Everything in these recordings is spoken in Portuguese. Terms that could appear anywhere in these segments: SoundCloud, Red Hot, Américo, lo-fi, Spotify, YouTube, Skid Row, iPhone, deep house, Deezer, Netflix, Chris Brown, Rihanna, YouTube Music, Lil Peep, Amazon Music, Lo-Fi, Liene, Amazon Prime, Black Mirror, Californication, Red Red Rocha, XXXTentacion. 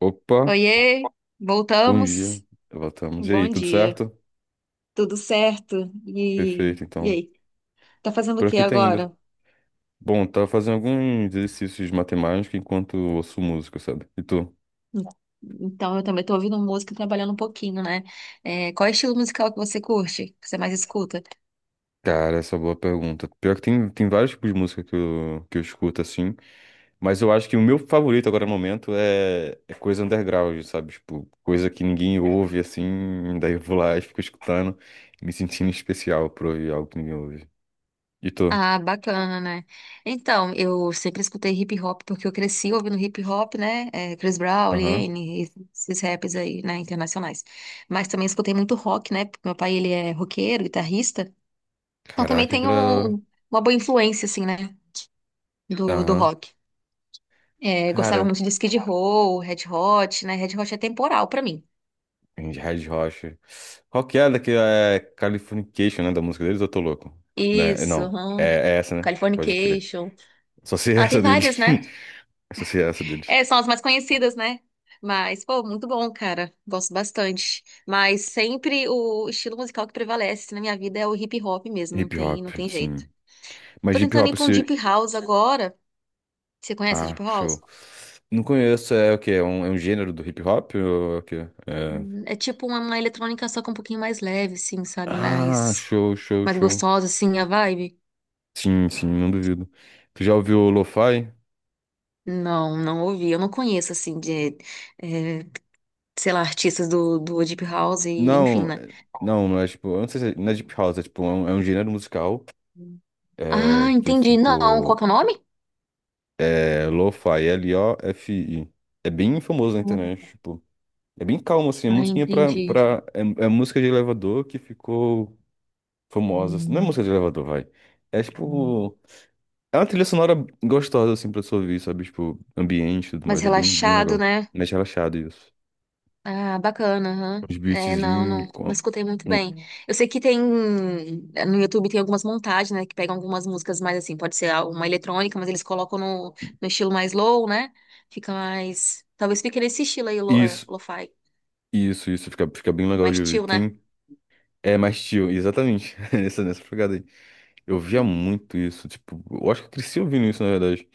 Opa, Oiê, bom dia. voltamos. Voltamos. E Bom aí, tudo dia. certo? Tudo certo? E, Perfeito, e então. aí? Tá fazendo o Por que aqui tá indo. agora? Bom, tava fazendo alguns exercícios de matemática enquanto ouço música, sabe? E tu? Então, eu também tô ouvindo música e trabalhando um pouquinho, né? É, qual é o estilo musical que você curte? Que você mais escuta? Cara, essa é uma boa pergunta. Pior que tem vários tipos de música que eu escuto, assim. Mas eu acho que o meu favorito agora no momento é coisa underground, sabe? Tipo, coisa que ninguém ouve, assim. Daí eu vou lá e fico escutando, me sentindo especial por ouvir algo que ninguém ouve. E tu? Ah, bacana, né? Então, eu sempre escutei hip hop porque eu cresci ouvindo hip hop, né? É, Chris Brown, Aham. Liene, esses raps aí, né? Internacionais. Mas também escutei muito rock, né? Porque meu pai, ele é roqueiro, guitarrista. Então, também Caraca, que tenho da hora. uma boa influência, assim, né? Do Aham. rock. É, gostava Cara. muito de Skid Row, Red Hot, né? Red Hot é temporal pra mim. Red Red Rocha. Qual que é daqui? É Californication, né? Da música deles, ou eu tô louco. Né? Isso, Não, é, aham. é essa, né? Pode crer. Californication. Só sei Ah, tem essa deles. várias, né? Só sei essa deles. É, são as mais conhecidas, né? Mas, pô, muito bom, cara. Gosto bastante. Mas sempre o estilo musical que prevalece na minha vida é o hip hop mesmo, não Hip tem, hop, não tem jeito. sim. Mas Tô hip tentando ir hop pra um se. deep house agora. Você conhece Ah, deep house? show. Não conheço, é o quê? É um gênero do hip hop? Ou é o quê? É... É tipo uma eletrônica só com um pouquinho mais leve, assim, sabe? Ah, Mais, show, show, mais show. gostosa, assim, a vibe. Sim, sim, não duvido. Tu já ouviu o lo-fi? Não, não ouvi. Eu não conheço, assim, eh, sei lá, artistas do Deep House, e, enfim, Não, né? é- não, não é tipo. Eu não sei se é, não é deep house, é tipo, é um gênero musical Ah, que entendi. Não, qual ficou. que é o nome? É Lo-Fi, L-O-F-I. É bem famoso na internet, tipo. É bem calmo, assim. É Ah, musiquinha entendi. É, é música de elevador que ficou famosa. Assim. Não é música Hum, de elevador, vai. É, tipo... É uma trilha sonora gostosa, assim, pra você ouvir, sabe? Tipo, ambiente e tudo Mais mais. É bem, bem relaxado, legal. né? Mais relaxado, isso. Ah, bacana, aham. Os É, não, beatzinhos... não, não escutei muito com- bem. Eu sei que tem, no YouTube tem algumas montagens, né, que pegam algumas músicas mais assim, pode ser uma eletrônica, mas eles colocam no estilo mais low, né? Fica mais, talvez fique nesse estilo aí, Isso, lo-fi, isso, isso. Fica bem legal de mais ouvir. chill, né? Tem... É mais chill, exatamente. Nessa pegada aí. Eu via muito isso, tipo, eu acho que eu cresci ouvindo isso, na verdade,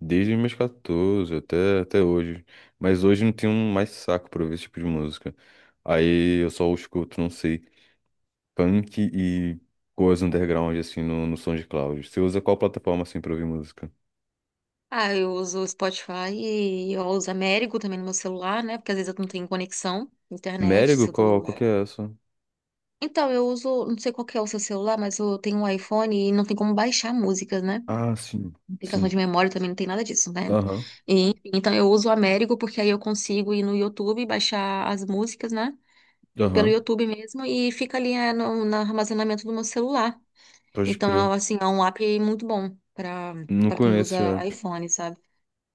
desde os meus 14 até hoje. Mas hoje não tenho mais saco pra ouvir esse tipo de música. Aí eu só escuto, não sei, punk e coisa underground, assim, no SoundCloud. Você usa qual plataforma, assim, pra ouvir música? Ah, eu uso o Spotify e eu uso Américo também no meu celular, né? Porque às vezes eu não tenho conexão, internet, Merigo? se eu Qual, tô... qual que é essa? Então, eu uso, não sei qual que é o seu celular, mas eu tenho um iPhone e não tem como baixar músicas, né? Ah, sim, Aplicação sim. de memória também não tem nada disso, né? Aham, E, então, eu uso o Américo porque aí eu consigo ir no YouTube e baixar as músicas, né? Pelo aham, YouTube mesmo e fica ali é, no armazenamento do meu celular. pode Então, crer. assim, é um app muito bom para Não para quem conheço usa a app, iPhone, sabe?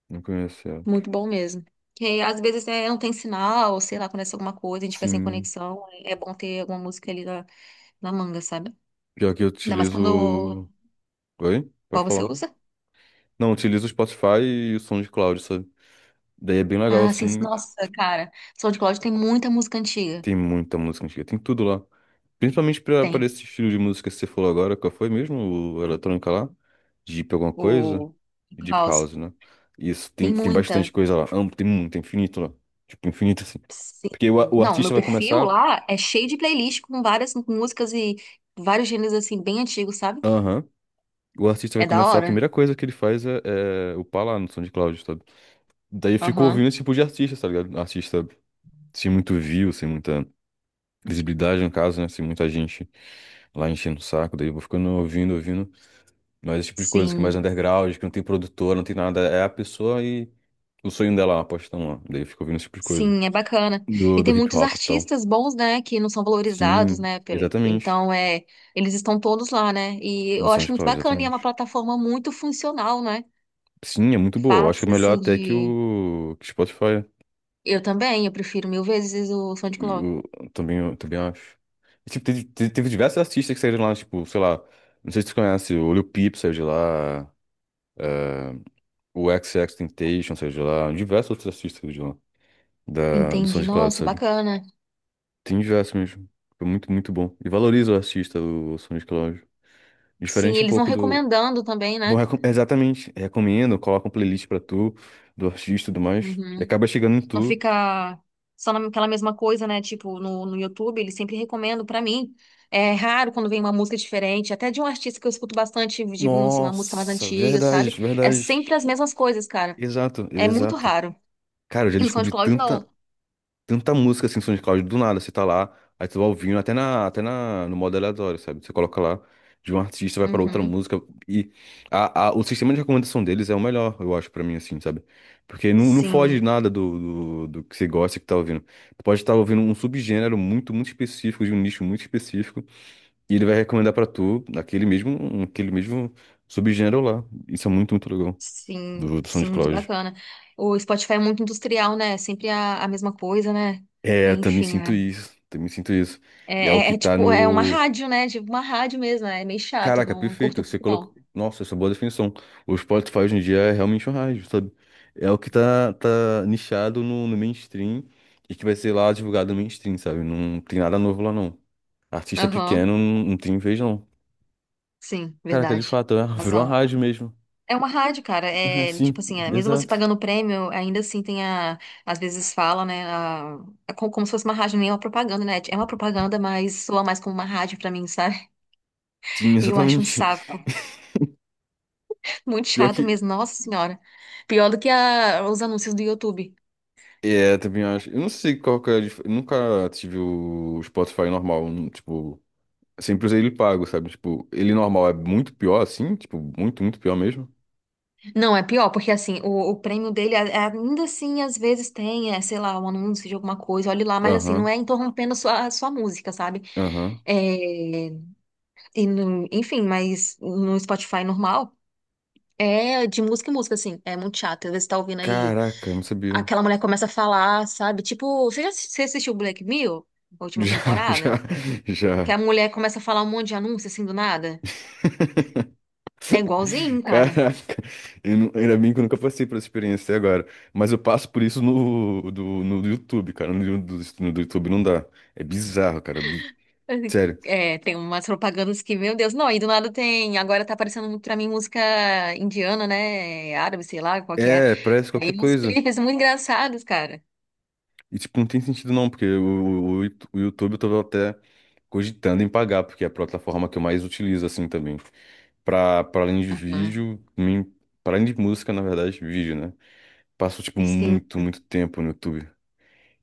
não conheço a app. Muito bom mesmo. Que às vezes né, não tem sinal, sei lá, acontece alguma coisa, a gente fica sem Sim, conexão. É bom ter alguma música ali na manga, sabe? pior que eu Ainda mais quando. utilizo... Oi? Pode Qual você falar. usa? Não, utiliza o Spotify e o SoundCloud, sabe? Daí é bem legal, Ah, sim. Sim. assim. Nossa, cara. SoundCloud tem muita música antiga. Tem muita música antiga, tem tudo lá. Principalmente pra Tem. esse estilo de música que você falou agora, qual foi mesmo? O eletrônica lá? Deep alguma coisa? O Deep House. House, né? Isso, tem, Tem tem bastante muita. coisa lá. Amplo, tem muito, tem infinito lá. Tipo, infinito assim. Sim. Porque o Não, meu artista vai perfil começar. lá é cheio de playlist com várias músicas e vários gêneros assim, bem antigos, sabe? Aham. O artista vai É da começar, a hora. primeira coisa que ele faz é upar lá no SoundCloud, sabe? Daí eu fico ouvindo Aham. esse tipo de artista, tá ligado? Artista sem muito view, sem muita. Visibilidade, no caso, né? Se muita gente lá enchendo o saco, daí eu vou ficando ouvindo, ouvindo. Mas esse tipo de coisa que é mais Sim. underground, que não tem produtor, não tem nada. É a pessoa e o sonho dela, a postão lá. Daí eu fico ouvindo esse tipo de coisa. Sim, é bacana. Do, E do tem hip muitos hop e tal. artistas bons, né, que não são valorizados, Sim, né? Exatamente. Então, é, eles estão todos lá, né? E No eu acho muito SoundCloud, bacana e é uma exatamente. plataforma muito funcional, né? Sim, é muito boa. Eu acho que é Fácil, melhor assim, até que de. o que o Spotify. Eu também, eu prefiro mil vezes o SoundCloud. Eu, eu também acho. E, tipo, teve diversos artistas que saíram lá, tipo, sei lá. Não sei se tu conhece, o Lil Peep saiu de lá. eh, o XXXTentacion, sei de lá, diversos outros artistas de lá, do Entendi. SoundCloud, Nossa, sabe? bacana. Tem diversos mesmo. Foi muito bom. E valoriza o artista, o SoundCloud. Sim, Diferente um eles vão pouco do. recomendando também, Bom, né? Exatamente. Recomendo, coloca um playlist pra tu, do artista e tudo mais. E Uhum. acaba chegando em Não tu. fica só naquela mesma coisa, né? Tipo, no YouTube, eles sempre recomendam pra mim. É raro quando vem uma música diferente, até de um artista que eu escuto bastante, de assim, uma música mais Nossa, antiga, verdade, sabe? É verdade. sempre as mesmas coisas, cara. Exato, É muito exato. raro. Cara, eu já E no descobri SoundCloud, tanta, não. tanta música assim no SoundCloud do nada, você tá lá, aí você vai ouvindo no modo aleatório, sabe? Você coloca lá de um artista, vai pra outra Uhum. música e o sistema de recomendação deles é o melhor, eu acho, pra mim, assim, sabe? Porque não foge Sim, nada do que você gosta e que tá ouvindo. Tu pode estar ouvindo um subgênero muito específico, de um nicho muito específico, e ele vai recomendar pra tu aquele mesmo, um, aquele mesmo subgênero lá. Isso é muito legal sim, do sim, muito SoundCloud. bacana. O Spotify é muito industrial, né? É sempre a mesma coisa, né? É, eu também Enfim, sinto né? isso, também sinto isso. E é o É, que é tá tipo, é uma no. rádio, né? Tipo, uma rádio mesmo, né? É meio chato, Caraca, não perfeito. curto Você muito, colocou. não. Nossa, essa é uma boa definição. O Spotify hoje em dia é realmente um rádio, sabe? É o que tá nichado no mainstream e que vai ser lá divulgado no mainstream, sabe? Não tem nada novo lá, não. Artista Aham. pequeno não, não tem vez, não. Sim, Caraca, de verdade. fato, é, virou uma Razão. rádio mesmo. É uma rádio, cara. É, É tipo sim, assim, é, mesmo você exato. pagando o prêmio, ainda assim tem a. Às vezes fala, né? A, é como, se fosse uma rádio, nem é uma propaganda, né? É uma propaganda, mas soa mais como uma rádio pra mim, sabe? Sim, E eu acho um exatamente. saco. Muito Pior chato que. mesmo, nossa senhora. Pior do que os anúncios do YouTube. É, também acho. Eu não sei qual que é a dif... Eu nunca tive o Spotify normal, não, tipo. Sempre usei ele pago, sabe? Tipo, ele normal é muito pior assim, tipo, muito pior mesmo. Não, é pior, porque assim, o prêmio dele, ainda assim, às vezes tem, é, sei lá, um anúncio de alguma coisa, olhe lá, mas assim, não Aham, é interrompendo a sua música, sabe? aham. É. E, enfim, mas no Spotify normal é de música em música, assim. É muito chato. Às vezes você tá ouvindo aí, Caraca, não sabia. aquela mulher começa a falar, sabe? Tipo, você já você assistiu Black Mirror, a última Já, já, temporada? Que já. a mulher começa a falar um monte de anúncio assim do nada. É igualzinho, cara. Caraca, eu não- ainda bem que eu nunca passei por essa experiência até agora. Mas eu passo por isso no YouTube, cara. No do YouTube não dá. É bizarro, cara. Sério. É, tem umas propagandas que, meu Deus, não, e do nada tem. Agora tá aparecendo muito pra mim música indiana, né? Árabe, sei lá, qual que é. É, parece Aí qualquer uns coisa. clipes muito engraçados, cara. E, tipo, não tem sentido não, porque o YouTube eu tô até cogitando em pagar, porque é a plataforma que eu mais utilizo, assim, também. Pra além de Aham. vídeo, pra além de música, na verdade, vídeo, né? Passo, tipo, Sim, muito tempo no YouTube.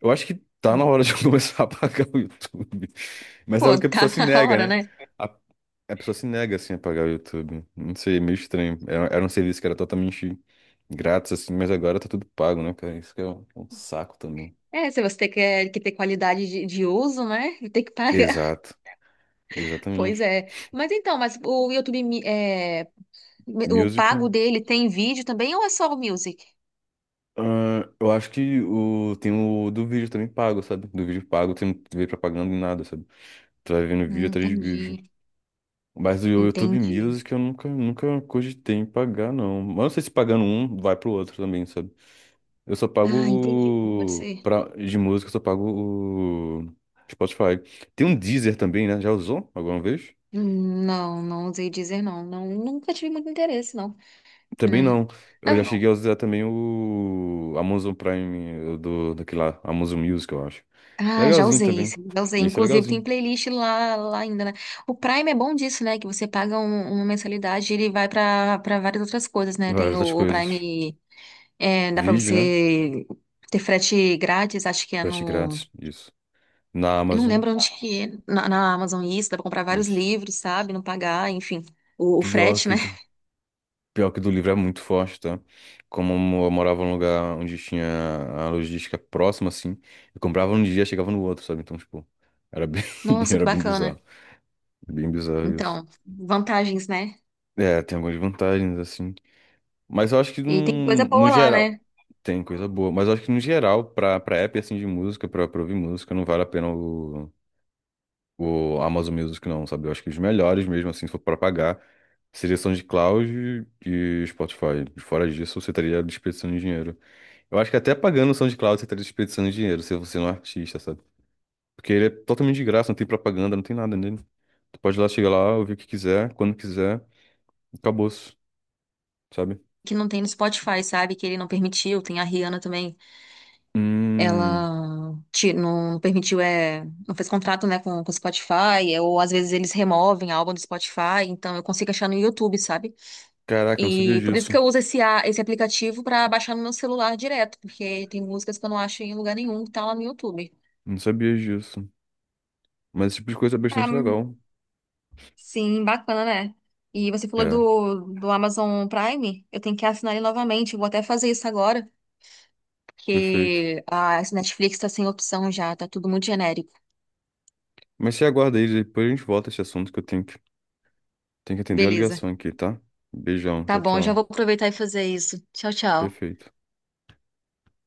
Eu acho que tá na hora de eu começar a pagar o YouTube. Mas é algo pô, que a tá pessoa se na nega, hora, né? né? A, a pessoa se nega, assim, a pagar o YouTube. Não sei, é meio estranho. Era um serviço que era totalmente grátis, assim, mas agora tá tudo pago, né, cara? Isso que é um saco também. É, se você quer que ter qualidade de uso, né? Tem que pagar. Exato. Pois Exatamente. é. Mas então, mas o YouTube, é, o Music. pago dele tem vídeo também ou é só o Music? Ah, eu acho que o, tem o do vídeo também pago, sabe? Do vídeo pago, tem, não vê propaganda nem nada, sabe? Tu vai vendo vídeo atrás de vídeo. Entendi, Mas o YouTube entendi. Music eu nunca cogitei em pagar, não. Mas eu não sei se pagando um, vai pro outro também, sabe? Eu só pago Ah, entendi. Pode o... ser. Pra, de música, eu só pago o Spotify. Tem um Deezer também, né? Já usou alguma vez? Não, não usei dizer não. Não, nunca tive muito interesse, não, Também né? não. Eu já Ah, cheguei a usar também o Amazon Prime daquele lá, Amazon Music, eu acho. ah, já Legalzinho usei isso, também. já usei. Isso é Inclusive tem legalzinho. playlist lá ainda, né? O Prime é bom disso, né? Que você paga uma mensalidade e ele vai pra para várias outras coisas, né? Várias Tem o, outras o coisas. Prime. É, dá pra Vídeo, né? você ter frete grátis, acho que é Frete no. grátis, isso. Na Eu não Amazon, lembro onde que é. Na Amazon isso, dá pra comprar vários isso. livros, sabe? Não pagar, enfim. O Pior frete, que né? do, pior que do livro é muito forte, tá? Como eu morava num lugar onde tinha a logística próxima, assim, eu comprava um dia, chegava no outro, sabe? Então, tipo, era bem, Nossa, que era bem bacana. bizarro. Bem bizarro isso. Então, vantagens, né? É, tem algumas vantagens, assim. Mas eu acho que E tem coisa num, no boa lá, geral. né? Tem coisa boa, mas eu acho que no geral, pra app assim de música, pra ouvir música, não vale a pena o Amazon Music, não, sabe? Eu acho que os melhores mesmo, assim, se for pra pagar, seria SoundCloud e Spotify. Fora disso, você estaria desperdiçando dinheiro. Eu acho que até pagando o SoundCloud, você estaria desperdiçando dinheiro, se você não é um artista, sabe? Porque ele é totalmente de graça, não tem propaganda, não tem nada nele. Tu pode ir lá, chegar lá, ouvir o que quiser, quando quiser, acabou-se, sabe? Que não tem no Spotify, sabe? Que ele não permitiu. Tem a Rihanna também. Hum, Ela não permitiu, é, não fez contrato, né, com o Spotify. Ou às vezes eles removem álbum do Spotify. Então eu consigo achar no YouTube, sabe? caraca, eu não sabia E por isso que disso. eu uso esse aplicativo para baixar no meu celular direto, porque tem músicas que eu não acho em lugar nenhum que tá lá no YouTube. Não sabia disso. Mas esse tipo de coisa é bastante Ah, legal. sim, bacana, né? E você falou É, do Amazon Prime, eu tenho que assinar ele novamente, eu vou até fazer isso agora, perfeito. porque a esse Netflix tá sem opção já, tá tudo muito genérico. Mas você aguarda aí, depois a gente volta a esse assunto que eu tenho tenho que atender a Beleza. ligação aqui, tá? Beijão, Tá tchau, bom, já tchau. vou aproveitar e fazer isso. Tchau, tchau. Perfeito.